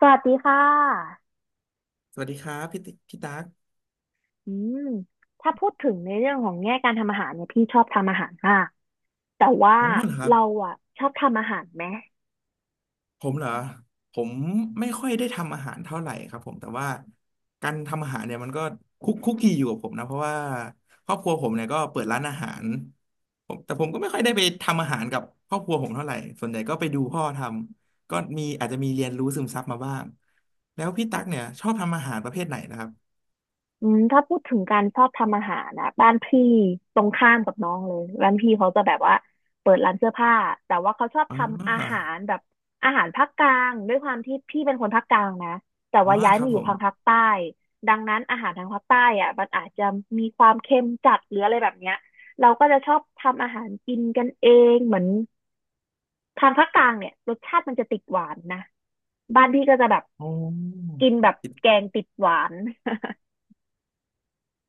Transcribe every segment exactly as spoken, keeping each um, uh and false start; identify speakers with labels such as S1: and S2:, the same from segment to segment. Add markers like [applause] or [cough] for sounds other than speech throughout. S1: สวัสดีค่ะ
S2: สวัสดีครับพี่ติพี่ตั๊ก
S1: อืมถ้าพูดถึงในเรื่องของแง่การทำอาหารเนี่ยพี่ชอบทำอาหารมาก แต่ว่า
S2: อ๋อเหรอครับ
S1: เราอ่ะชอบทำอาหารไหม
S2: ผมเหรอผมไม่ค่อยได้ทำอาหารเท่าไหร่ครับผมแต่ว่าการทำอาหารเนี่ยมันก็คุกคุกคีอยู่กับผมนะเพราะว่าครอบครัวผมเนี่ยก็เปิดร้านอาหารผมแต่ผมก็ไม่ค่อยได้ไปทำอาหารกับครอบครัวผมเท่าไหร่ส่วนใหญ่ก็ไปดูพ่อทำก็มีอาจจะมีเรียนรู้ซึมซับมาบ้างแล้วพี่ตั๊กเนี่ยชอบทำอาหารประเภทไหนนะครับ
S1: อืมถ้าพูดถึงการชอบทำอาหารนะบ้านพี่ตรงข้ามกับน้องเลยบ้านพี่เขาจะแบบว่าเปิดร้านเสื้อผ้าแต่ว่าเขาชอบ
S2: อ
S1: ทำอา
S2: ๋อ
S1: หารแบบอาหารภาคกลางด้วยความที่พี่เป็นคนภาคกลางนะแต่
S2: อ๋อ
S1: ว่าย้าย
S2: ครั
S1: มา
S2: บ
S1: อ
S2: ผ
S1: ยู่
S2: ม
S1: ทางภาคใต้ดังนั้นอาหารทางภาคใต้อ่ะมันอาจจะมีความเค็มจัดหรืออะไรแบบเนี้ยเราก็จะชอบทำอาหารกินกันเองเหมือนทางภาคกลางเนี่ยรสชาติมันจะติดหวานนะบ้านพี่ก็จะแบบ
S2: อ๋อ
S1: กินแบบแกงติดหวาน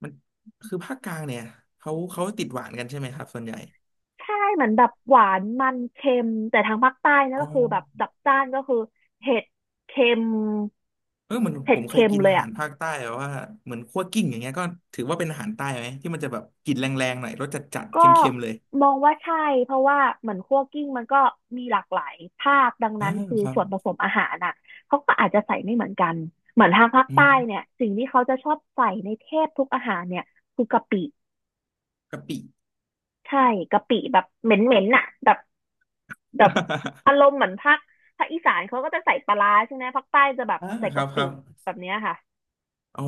S2: มันคือภาคกลางเนี่ยเขาเขาติดหวานกันใช่ไหมครับส่วนใหญ่
S1: ใช่เหมือนแบบหวานมันเค็มแต่ทางภาคใต้นะ
S2: อ๋อ
S1: ก็คือแบบจัดจ้านก็คือเผ็ดเค็ม
S2: เออเหมือน
S1: เผ็
S2: ผ
S1: ด
S2: มเคย
S1: เค็ม
S2: กิน
S1: เลย
S2: อาหา
S1: อ่ะ
S2: รภาคใต้แบบว่าเหมือนคั่วกิ้งอย่างเงี้ยก็ถือว่าเป็นอาหารใต้ไหมที่มันจะแบบกลิ่นแรงๆหน่อยรสจัดๆเค
S1: ก็
S2: ็มๆเลย
S1: มองว่าใช่เพราะว่าเหมือนคั่วกลิ้งมันก็มีหลากหลายภาคดัง
S2: อ่า
S1: นั้นคือ
S2: ครับ
S1: ส่วนผสมอาหารน่ะเขาก็อาจจะใส่ไม่เหมือนกันเหมือนทางภาค
S2: อื
S1: ใต้
S2: ม
S1: เนี่ยสิ่งที่เขาจะชอบใส่ในแทบทุกอาหารเนี่ยคือกะปิ
S2: กะปิ
S1: ใช่กะปิแบบเหม็นเหม็นน่ะแบบแบบอาร
S2: [laughs]
S1: มณ์เหมือนภาคภาคอีสานเขาก็จะใส่ปลาร้าใช่ไหมภาคใต้จะแบบ
S2: อ่า
S1: ใส่
S2: ครั
S1: กะ
S2: บค
S1: ปิ
S2: รับ
S1: แบบเนี้ยค่ะ
S2: อ๋อ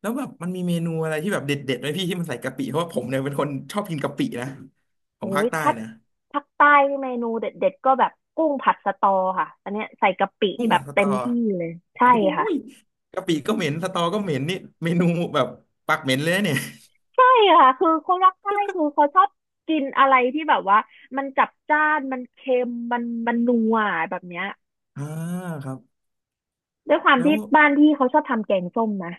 S2: แล้วแบบมันมีเมนูอะไรที่แบบเด็ดๆไหมพี่ที่มันใส่กะปิเพราะว่าผมเนี่ยเป็นคนชอบกินกะปินะข
S1: โอ้
S2: องภา
S1: ย
S2: คใต้
S1: ถ้า
S2: นะ
S1: ภาคใต้นี่เมนูเด็ดๆก็แบบกุ้งผัดสะตอค่ะอันเนี้ยใส่กะปิ
S2: กุ้ง
S1: แบ
S2: ผั
S1: บ
S2: ดสต
S1: เต็
S2: อ
S1: มที่เลย
S2: โ
S1: ใช่ค่ะ
S2: อ้ยกะปิก็เหม็นสตอก็เหม็นนี่เมนูแบบปากเหม็นเลยนะเนี่ย
S1: ใช่ค่ะคือคนรักใต้คือเขาชอบกินอะไรที่แบบว่ามันจัดจ้านมันเค็มมันมันนัวแบบเนี้ย
S2: อ่าครับ
S1: ด้วยความ
S2: แล้ว
S1: ที่บ้านพี่เขาชอบทำแกงส้มนะ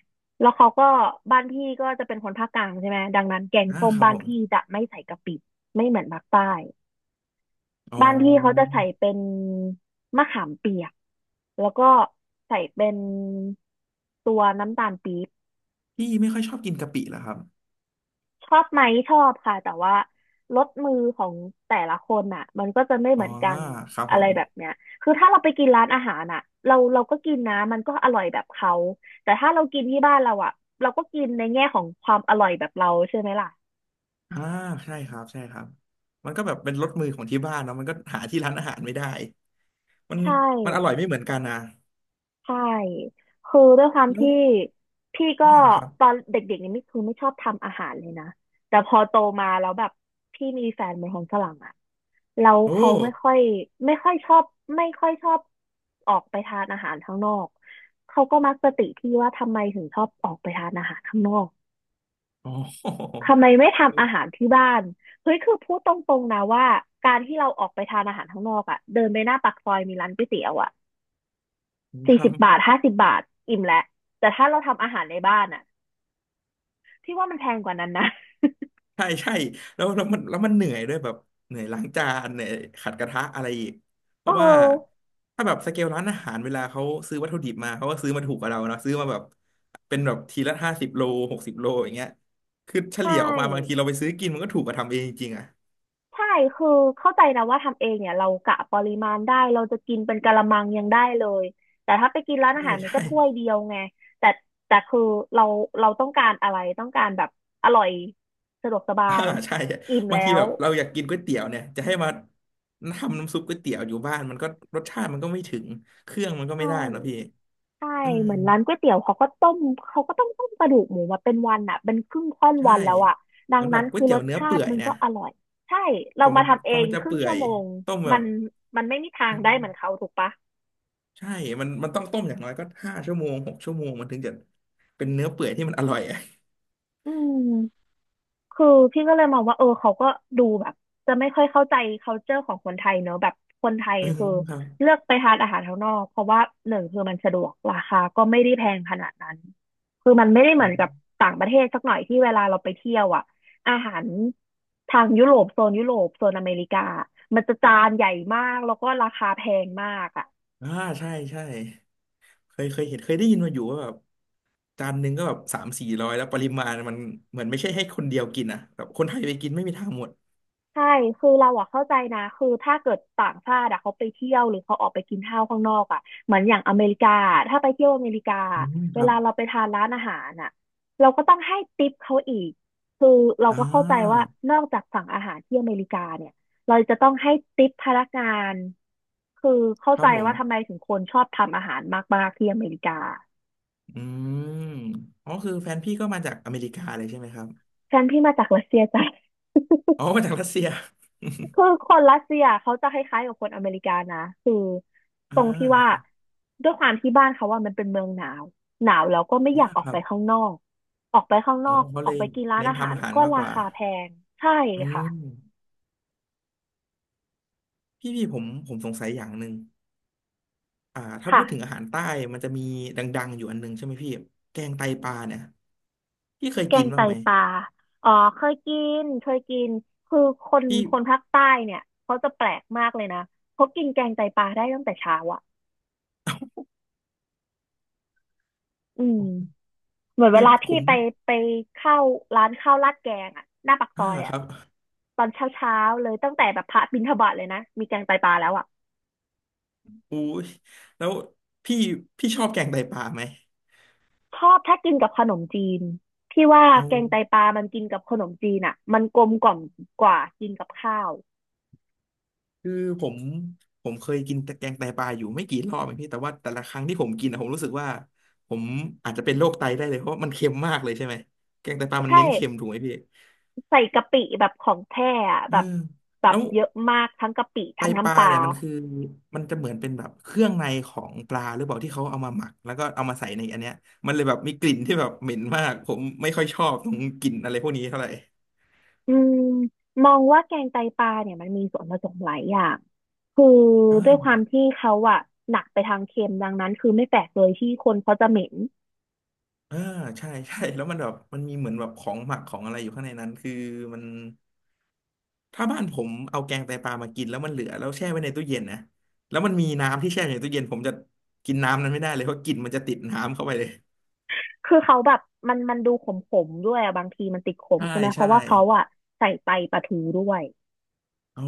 S1: แล้วเขาก็บ้านพี่ก็จะเป็นคนภาคกลางใช่ไหมดังนั้นแกง
S2: อ่า
S1: ส้ม
S2: ครับ
S1: บ้าน
S2: ผม
S1: พี่จะไม่ใส่กะปิไม่เหมือนภาคใต้
S2: อ๋
S1: บ้านพี่เขาจะ
S2: อ
S1: ใส่เป็นมะขามเปียกแล้วก็ใส่เป็นตัวน้ำตาลปี๊บ
S2: พี่ไม่ค่อยชอบกินกะปิเหรอครับ
S1: ชอบไหมชอบค่ะแต่ว่าลดมือของแต่ละคนอ่ะมันก็จะไม่เห
S2: อ๋อ
S1: มือนกัน
S2: ครับผ
S1: อะไร
S2: ม
S1: แบบเนี้ยคือถ้าเราไปกินร้านอาหารอ่ะเราเราก็กินนะมันก็อร่อยแบบเขาแต่ถ้าเรากินที่บ้านเราอ่ะเราก็กินในแง่ของความอร่อยแบบเราใช่ไหมล่ะ
S2: อ่าใช่ครับใช่ครับมันก็แบบเป็นรสมือของที่บ้านเนาะมันก็หาที่ร้านอาหารไม่ได้มัน
S1: ใช่
S2: มันอร่อยไม่เหมือนกันนะ
S1: ใช่คือด้วยความ
S2: แล้ว
S1: ที่พี่ก็
S2: อ่าครับ
S1: ตอนเด็กๆนี่ไม่คือไม่ชอบทำอาหารเลยนะแต่พอโตมาแล้วแบบพี่มีแฟนเป็นคนฝรั่งอะแล้ว
S2: โอ้
S1: เขาไม่ค่อยไม่ค่อยชอบไม่ค่อยชอบออกไปทานอาหารข้างนอกเขาก็มักจะติที่ว่าทำไมถึงชอบออกไปทานอาหารข้างนอก
S2: อ๋อ
S1: ทำไมไม่ทำอาหารที่บ้านเฮ้ยคือพูดตรงๆนะว่าการที่เราออกไปทานอาหารข้างนอกอะเดินไปหน้าปากซอยมีร้านก๋วยเตี๋ยวอะ
S2: [laughs] ค
S1: สี่
S2: รั
S1: สิบบาท
S2: บ
S1: ห้าสิบบาทอิ่มแล้วแต่ถ้าเราทำอาหารในบ้านอ่ะที่ว่ามันแพงกว่านั้นนะ
S2: ใช่ใช่แล้วแล้วมันแล้วมันเหนื่อยด้วยแบบเหนื่อยล้างจานเหนื่อยขัดกระทะอะไรอีกเพ
S1: เอ
S2: ราะว่า
S1: อ
S2: ถ้าแบบสเกลร้านอาหารเวลาเขาซื้อวัตถุดิบมาเขาก็ซื้อมาถูกกว่าเราเนาะซื้อมาแบบเป็นแบบทีละห้าสิบโลหกสิบโลอย่างเงี้ยคือเฉ
S1: ใช
S2: ลี่ยออกมาบางที
S1: ่
S2: เราไปซื้อกินมันก็ถูกกว่าทำเองจริงๆอ่ะ
S1: ใช่คือเข้าใจนะว่าทำเองเนี่ยเรากะปริมาณได้เราจะกินเป็นกะละมังยังได้เลยแต่ถ้าไปกินร้านอา
S2: ใช่
S1: หารมันก็
S2: ใช่
S1: ถ้วยเดียวไงแต่แต่คือเราเราต้องการอะไรต้องการแบบอร่อยสะดวกสบา
S2: [laughs] อ่า
S1: ย
S2: ใช่
S1: อิ่ม
S2: บาง
S1: แล้
S2: ที
S1: ว
S2: แบบเราอยากกินก๋วยเตี๋ยวเนี่ยจะให้มาทำน้ำซุปก๋วยเตี๋ยวอยู่บ้านมันก็รสชาติมันก็ไม่ถึงเครื่องมันก็
S1: ใช่
S2: ไม่ได้นะพี่
S1: ใช่
S2: อืม
S1: เหมือนร้านก๋วยเตี๋ยวเขาก็ต้มเขาก็ต้องต้มกระดูกหมูมาเป็นวันอ่ะเป็นครึ่งค่อน
S2: ใช่
S1: วันแล้วอ่ะดั
S2: เหมื
S1: ง
S2: อนแบ
S1: นั้
S2: บ
S1: น
S2: ก๋ว
S1: คื
S2: ย
S1: อ
S2: เตี๋
S1: ร
S2: ยว
S1: ส
S2: เนื้อ
S1: ชา
S2: เปื่อ
S1: ติ
S2: ย
S1: มัน
S2: เนี่
S1: ก็
S2: ย
S1: อร่อยใช่เรา
S2: กว่ามั
S1: มา
S2: น
S1: ทำ
S2: ก
S1: เอ
S2: ว่า
S1: ง
S2: มันจะ
S1: ครึ่ง
S2: เปื่อ
S1: ชั่ว
S2: ย
S1: โมง
S2: ต้มแบ
S1: มั
S2: บ
S1: นมันไม่มีทาง
S2: อื
S1: ได้
S2: ม
S1: เหมือนเขาถูกปะ
S2: ใช่มันมันต้องต้มอย่างน้อยก็ห้าชั่วโมงหกชั่วโมงมันถึงจะเป็นเนื้อเปื่อยที่มันอร่อยอะ
S1: อืม คือพี่ก็เลยมองว่าเออเขาก็ดูแบบจะไม่ค่อยเข้าใจ คัลเจอร์ ของคนไทยเนอะแบบคนไทย
S2: [laughs] อืม
S1: คือ
S2: ครั
S1: เลื
S2: บ
S1: อกไปทานอาหารข้างนอกเพราะว่าหนึ่งคือมันสะดวกราคาก็ไม่ได้แพงขนาดนั้นคือมันไม่ได้เห
S2: อื
S1: มือนกับ
S2: ม
S1: ต่างประเทศสักหน่อยที่เวลาเราไปเที่ยวอ่ะอาหารทางยุโรปโซนยุโรปโซนอเมริกามันจะจานใหญ่มากแล้วก็ราคาแพงมากอ่ะ
S2: อ่าใช่ใช่เคยเคยเห็นเคยได้ยินมาอยู่ว่าแบบจานหนึ่งก็แบบสามสี่ร้อยแล้วปริมาณมันเหมือนไม่ใช่ให้คนเดียวกินอ่ะแบบคนไทยไปกินไม่มีทางหมด
S1: ใช่คือเราอะเข้าใจนะคือถ้าเกิดต่างชาติอะเขาไปเที่ยวหรือเขาออกไปกินข้าวข้างนอกอะเหมือนอย่างอเมริกาถ้าไปเที่ยวอเมริกา
S2: อืมค
S1: เว
S2: รับ
S1: ลาเราไปทานร้านอาหารอะเราก็ต้องให้ทิปเขาอีกคือเรา
S2: อ่
S1: ก็เข้าใจว่า
S2: า
S1: นอกจากสั่งอาหารที่อเมริกาเนี่ยเราจะต้องให้ทิปพนักงานคือเข้า
S2: ครั
S1: ใจ
S2: บผม
S1: ว่าทำไมถึงคนชอบทำอาหารมากๆที่อเมริกา
S2: อืมอ๋อคือแฟนพี่ก็มาจากอเมริกาเลยใช่ไหมครับ
S1: ฉันพี่มาจากรัสเซียจ้ะ
S2: อ๋อมาจากรัสเซีย
S1: คือคนรัสเซียเขาจะคล้ายๆกับคนอเมริกานะคือ
S2: [laughs]
S1: ต
S2: อ่
S1: รงที่ว่า
S2: า
S1: ด้วยความที่บ้านเขาว่ามันเป็นเมืองหนาวหนาวแล้วก็ไม่อ
S2: อ่า
S1: ยากออ
S2: ค
S1: ก
S2: รั
S1: ไป
S2: บ
S1: ข้างนอกออกไปข้างน
S2: อ๋อ
S1: อก
S2: เขา
S1: อ
S2: เล
S1: อก
S2: ย
S1: ไปกินร้าน
S2: เน้น
S1: อาหา
S2: ทำ
S1: ร
S2: อาหาร
S1: ก็
S2: มาก
S1: รา
S2: กว่า
S1: คาแพงใช่
S2: อื
S1: ค่ะ
S2: มพี่พี่ผมผมสงสัยอย่างหนึ่งอ่าถ้าพู
S1: ค่ะ
S2: ดถึงอาหารใต้มันจะมีดังๆอยู่อันหนึงใช่ไหมพี่แกงไตปลาเนี่ยพี่เคย
S1: แก
S2: กิน
S1: ง
S2: บ้า
S1: ไต
S2: งไหม
S1: ปลาอ๋อเคยกินเคยกินคือคน
S2: พี่
S1: คนภาคใต้เนี่ยเขาจะแปลกมากเลยนะเขากินแกงไตปลาได้ตั้งแต่เช้าอ่ะอืม เหมือนเว
S2: คือ
S1: ลา
S2: ผ
S1: พี่
S2: ม
S1: ไปไปเข้าร้านข้าวราดแกงอะหน้าปากซ
S2: อ่า
S1: อย
S2: ค
S1: อะ
S2: รับ
S1: ตอนเช้าเช้าเลยตั้งแต่แบบพระบิณฑบาตเลยนะมีแกงไตปลาแล้วอะ
S2: อุ้ยแล้วพี่พี่ชอบแกงไตปลาไหม
S1: ชอบถ้ากินกับขนมจีนพี่ว่า
S2: เอา
S1: แกงไตปลามันกินกับขนมจีนอะมันกลมกล่อมกว่ากินกับข้าว
S2: คือผมผมเคยกินแต่แกงไตปลาอยู่ไม่กี่รอบเองพี่แต่ว่าแต่ละครั้งที่ผมกินอะผมรู้สึกว่าผมอาจจะเป็นโรคไตได้เลยเพราะมันเค็มมากเลยใช่ไหมแกงไตปลามัน
S1: ใช่
S2: เน้นเค็มถูกไหมพี่
S1: ใส่กะปิแบบของแท้อะ
S2: เอ
S1: แบ
S2: อ
S1: บแบ
S2: แล้
S1: บ
S2: ว
S1: เยอะมากทั้งกะปิ
S2: ไต
S1: ทั้ง
S2: ปลา
S1: น้ำปลา
S2: เนี่ยมันคือมันจะเหมือนเป็นแบบเครื่องในของปลาหรือเปล่าที่เขาเอามาหมักแล้วก็เอามาใส่ในอันเนี้ยมันเลยแบบมีกลิ่นที่แบบเหม็นมากผมไม่ค่อยชอบตรงกลิ่นอะไรพวกนี้เท่าไหร่
S1: อืมมองว่าแกงไตปลาเนี่ยมันมีส่วนผสมหลายอย่างคือด้วย
S2: อ่า
S1: ความที่เขาอะหนักไปทางเค็มดังนั้นคือไม่แปลกเลยที่คนเขาจะเหม็น
S2: เออใช่ใช่แล้วมันแบบมันมีเหมือนแบบของหมักของอะไรอยู่ข้างในนั้นคือมันถ้าบ้านผมเอาแกงไตปลามากินแล้วมันเหลือแล้วแช่ไว้ในตู้เย็นนะแล้วมันมีน้ำที่แช่อยู่ในตู้เย็นผมจะกินน้ำนั้นไม่ได้เลยเพราะกลิ่นมันจะติดน้ำเข้าไปเลย
S1: คือเขาแบบมันมันดูขมๆด้วยอะบางทีมันติดขม
S2: ใช่
S1: ใช่ไหมเพ
S2: ใช่
S1: ราะว่าเขาอะใส่ไตปลาทูด้วย
S2: อ๋อ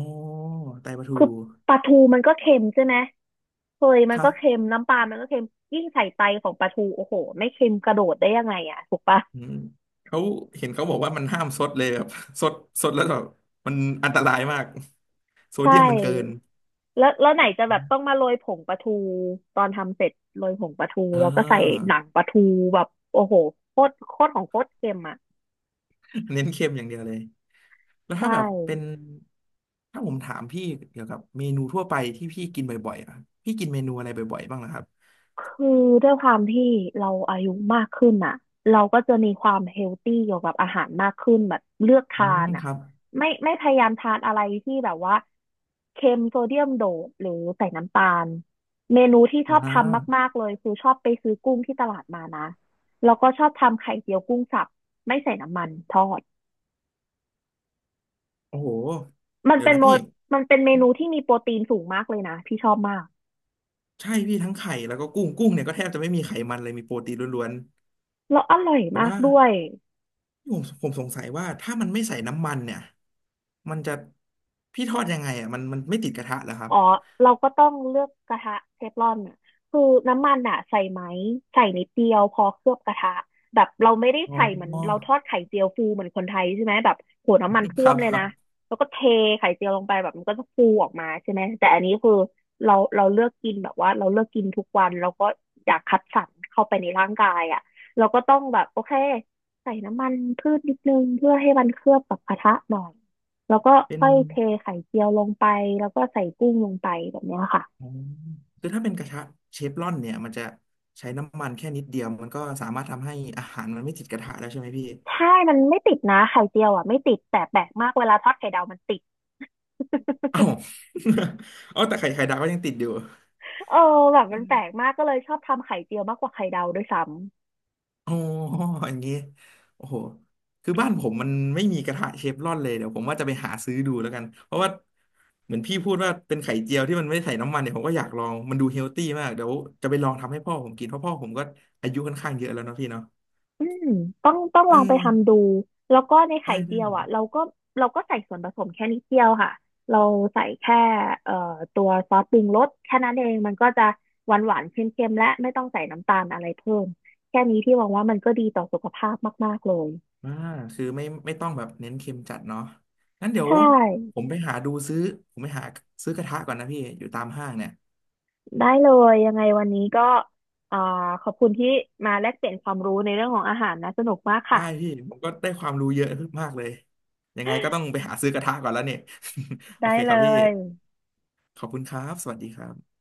S2: ไตปลาทู
S1: คือปลาทูมันก็เค็มใช่ไหมเคยมั
S2: ค
S1: น
S2: รั
S1: ก็เค็
S2: บ
S1: มน้ำปลามันก็เค็มยิ่งใส่ไตของปลาทูโอ้โหไม่เค็มกระโดดได้ยังไงอะถูกปะ
S2: อืมเขาเห็นเขาบอกว่ามันห้ามซดเลยแบบ [laughs] ซดซดแล้วแบบมันอันตรายมากโซ
S1: ใช
S2: เดียมมันเกิน
S1: ่ แล้วแล้วไหนจะ
S2: อ
S1: แบบ
S2: ม
S1: ต้องมาโรยผงปลาทูตอนทำเสร็จโรยผงปลาทู
S2: อ่
S1: แล้วก็ใส่หนั
S2: า
S1: งปลาทูแบบโอ้โหโคตรโคตรของโคตรเค็มอ่ะ
S2: [laughs] เน้นเค็มอย่างเดียวเลยแล้วถ้า
S1: ใช่
S2: แบบเป็นถ้าผมถามพี่เกี่ยวกับเมนูทั่วไปที่พี่กินบ่อยๆอ่ะพี่กินเมนูอะไรบ่อยๆบ้างนะครับ
S1: คือด้วยความที่เราอายุมากขึ้นอ่ะเราก็จะมีความเฮลตี้เกี่ยวกับอาหารมากขึ้นแบบเลือก
S2: อื
S1: ทา
S2: ม
S1: น
S2: ค
S1: อ่ะ
S2: รับ
S1: ไม่ไม่พยายามทานอะไรที่แบบว่าเค็มโซเดียมโดดหรือใส่น้ำตาลเมนูที่ช
S2: อ่
S1: อบทำ
S2: า
S1: มากๆเลยคือชอบไปซื้อกุ้งที่ตลาดมานะแล้วก็ชอบทำไข่เจียวกุ้งสับไม่ใส่น้ำมันทอด
S2: โอ้โห
S1: มัน
S2: เดี๋ยว
S1: เป็น
S2: นะ
S1: โม
S2: พี่
S1: มันเป็นเมนูที่มีโปรตีนสูงมากเลยนะพี่ชอบมาก
S2: ใช่พี่ทั้งไข่แล้วก็กุ้งกุ้งเนี่ยก็แทบจะไม่มีไขมันเลยมีโปรตีนล้วน
S1: แล้วอร่อย
S2: ๆแต่
S1: มาก
S2: ว่า
S1: ด้วย
S2: ผมผมสงสัยว่าถ้ามันไม่ใส่น้ำมันเนี่ยมันจะพี่ทอดยังไงอ่ะมันมันไม่ติดกระทะเหรอครับ
S1: อ๋อเราก็ต้องเลือกกระทะเทฟลอนน่ะคือน้ำมันอ่ะใส่ไหมใส่นิดเดียวพอเคลือบกระทะแบบเราไม่ได้
S2: อ๋อ
S1: ใส่เหมือนเราทอดไข่เจียวฟูเหมือนคนไทยใช่ไหมแบบโหน้ำมัน
S2: [laughs] ค
S1: ท่ว
S2: รั
S1: ม
S2: บ
S1: เล
S2: ค
S1: ย
S2: รับ
S1: นะแล้วก็เทไข่เจียวลงไปแบบมันก็จะฟูออกมาใช่ไหมแต่อันนี้คือเราเราเลือกกินแบบว่าเราเลือกกินทุกวันเราก็อยากคัดสรรเข้าไปในร่างกายอ่ะเราก็ต้องแบบโอเคใส่น้ำมันพืชนิดนึงเพื่อให้มันเคลือบกับกระทะหน่อย แล้วก็
S2: เป็น
S1: ค่อยเทไข่เจียวลงไปแล้วก็ใส่กุ้งลงไปแบบเนี้ยค่ะ
S2: อ๋อคือถ้าเป็นกระทะเชฟรอนเนี่ยมันจะใช้น้ำมันแค่นิดเดียวมันก็สามารถทำให้อาหารมันไม่ติดกระทะแล้วใช่ไหมพี่
S1: ใช่มันไม่ติดนะไข่เจียวอ่ะไม่ติดแต่แปลกมากเวลาทอดไข่ดาวมันติด
S2: เอ้า
S1: [laughs]
S2: [laughs] เอ้า [laughs] แต่ไข่ไข่ดาวก็ยังติดอยู่
S1: เออแบบมันแปลกมากก็เลยชอบทำไข่เจียวมากกว่าไข่ดาวด้วยซ้ำ
S2: อ๋ออย่างงี้โอ้โหคือบ้านผมมันไม่มีกระทะเชฟรอนเลยเดี๋ยวผมว่าจะไปหาซื้อดูแล้วกันเพราะว่าเหมือนพี่พูดว่าเป็นไข่เจียวที่มันไม่ใส่น้ำมันเนี่ยผมก็อยากลองมันดูเฮลตี้มากเดี๋ยวจะไปลองทำให้พ่อผมกินเพราะพ่อผมก็อายุค่อนข้างเยอะแล้วเนาะพี่เนาะ
S1: อืมต้องต้อง
S2: เอ
S1: ลองไป
S2: อ
S1: ทำดูแล้วก็ใน
S2: ได้
S1: ไข่เจี
S2: ได้
S1: ยวอ่ะเราก็เราก็ใส่ส่วนผสมแค่นิดเดียวค่ะเราใส่แค่เอ่อตัวซอสปรุงรสแค่นั้นเองมันก็จะหวานหวานเค็มๆและไม่ต้องใส่น้ำตาลอะไรเพิ่มแค่นี้ที่หวังว่ามันก็ดีต่อสุขภาพมากๆเลย
S2: อ่าคือไม่ไม่ต้องแบบเน้นเค็มจัดเนาะงั้นเดี๋ยว
S1: ใช่
S2: ผมไปหาดูซื้อผมไปหาซื้อกระทะก่อนนะพี่อยู่ตามห้างเนี่ย
S1: ได้เลยยังไงวันนี้ก็อ่าขอบคุณที่มาแลกเปลี่ยนความรู้ในเรื่องของอาหารนะสนุกมาก
S2: ได้
S1: ค่ะ
S2: พี่ผมก็ได้ความรู้เยอะขึ้นมากเลยยังไงก็ต้องไปหาซื้อกระทะก่อนแล้วเนี่ย [laughs] โอ
S1: ได้
S2: เคค
S1: เล
S2: รับพี่
S1: ย
S2: ขอบคุณครับสวัสดีครับ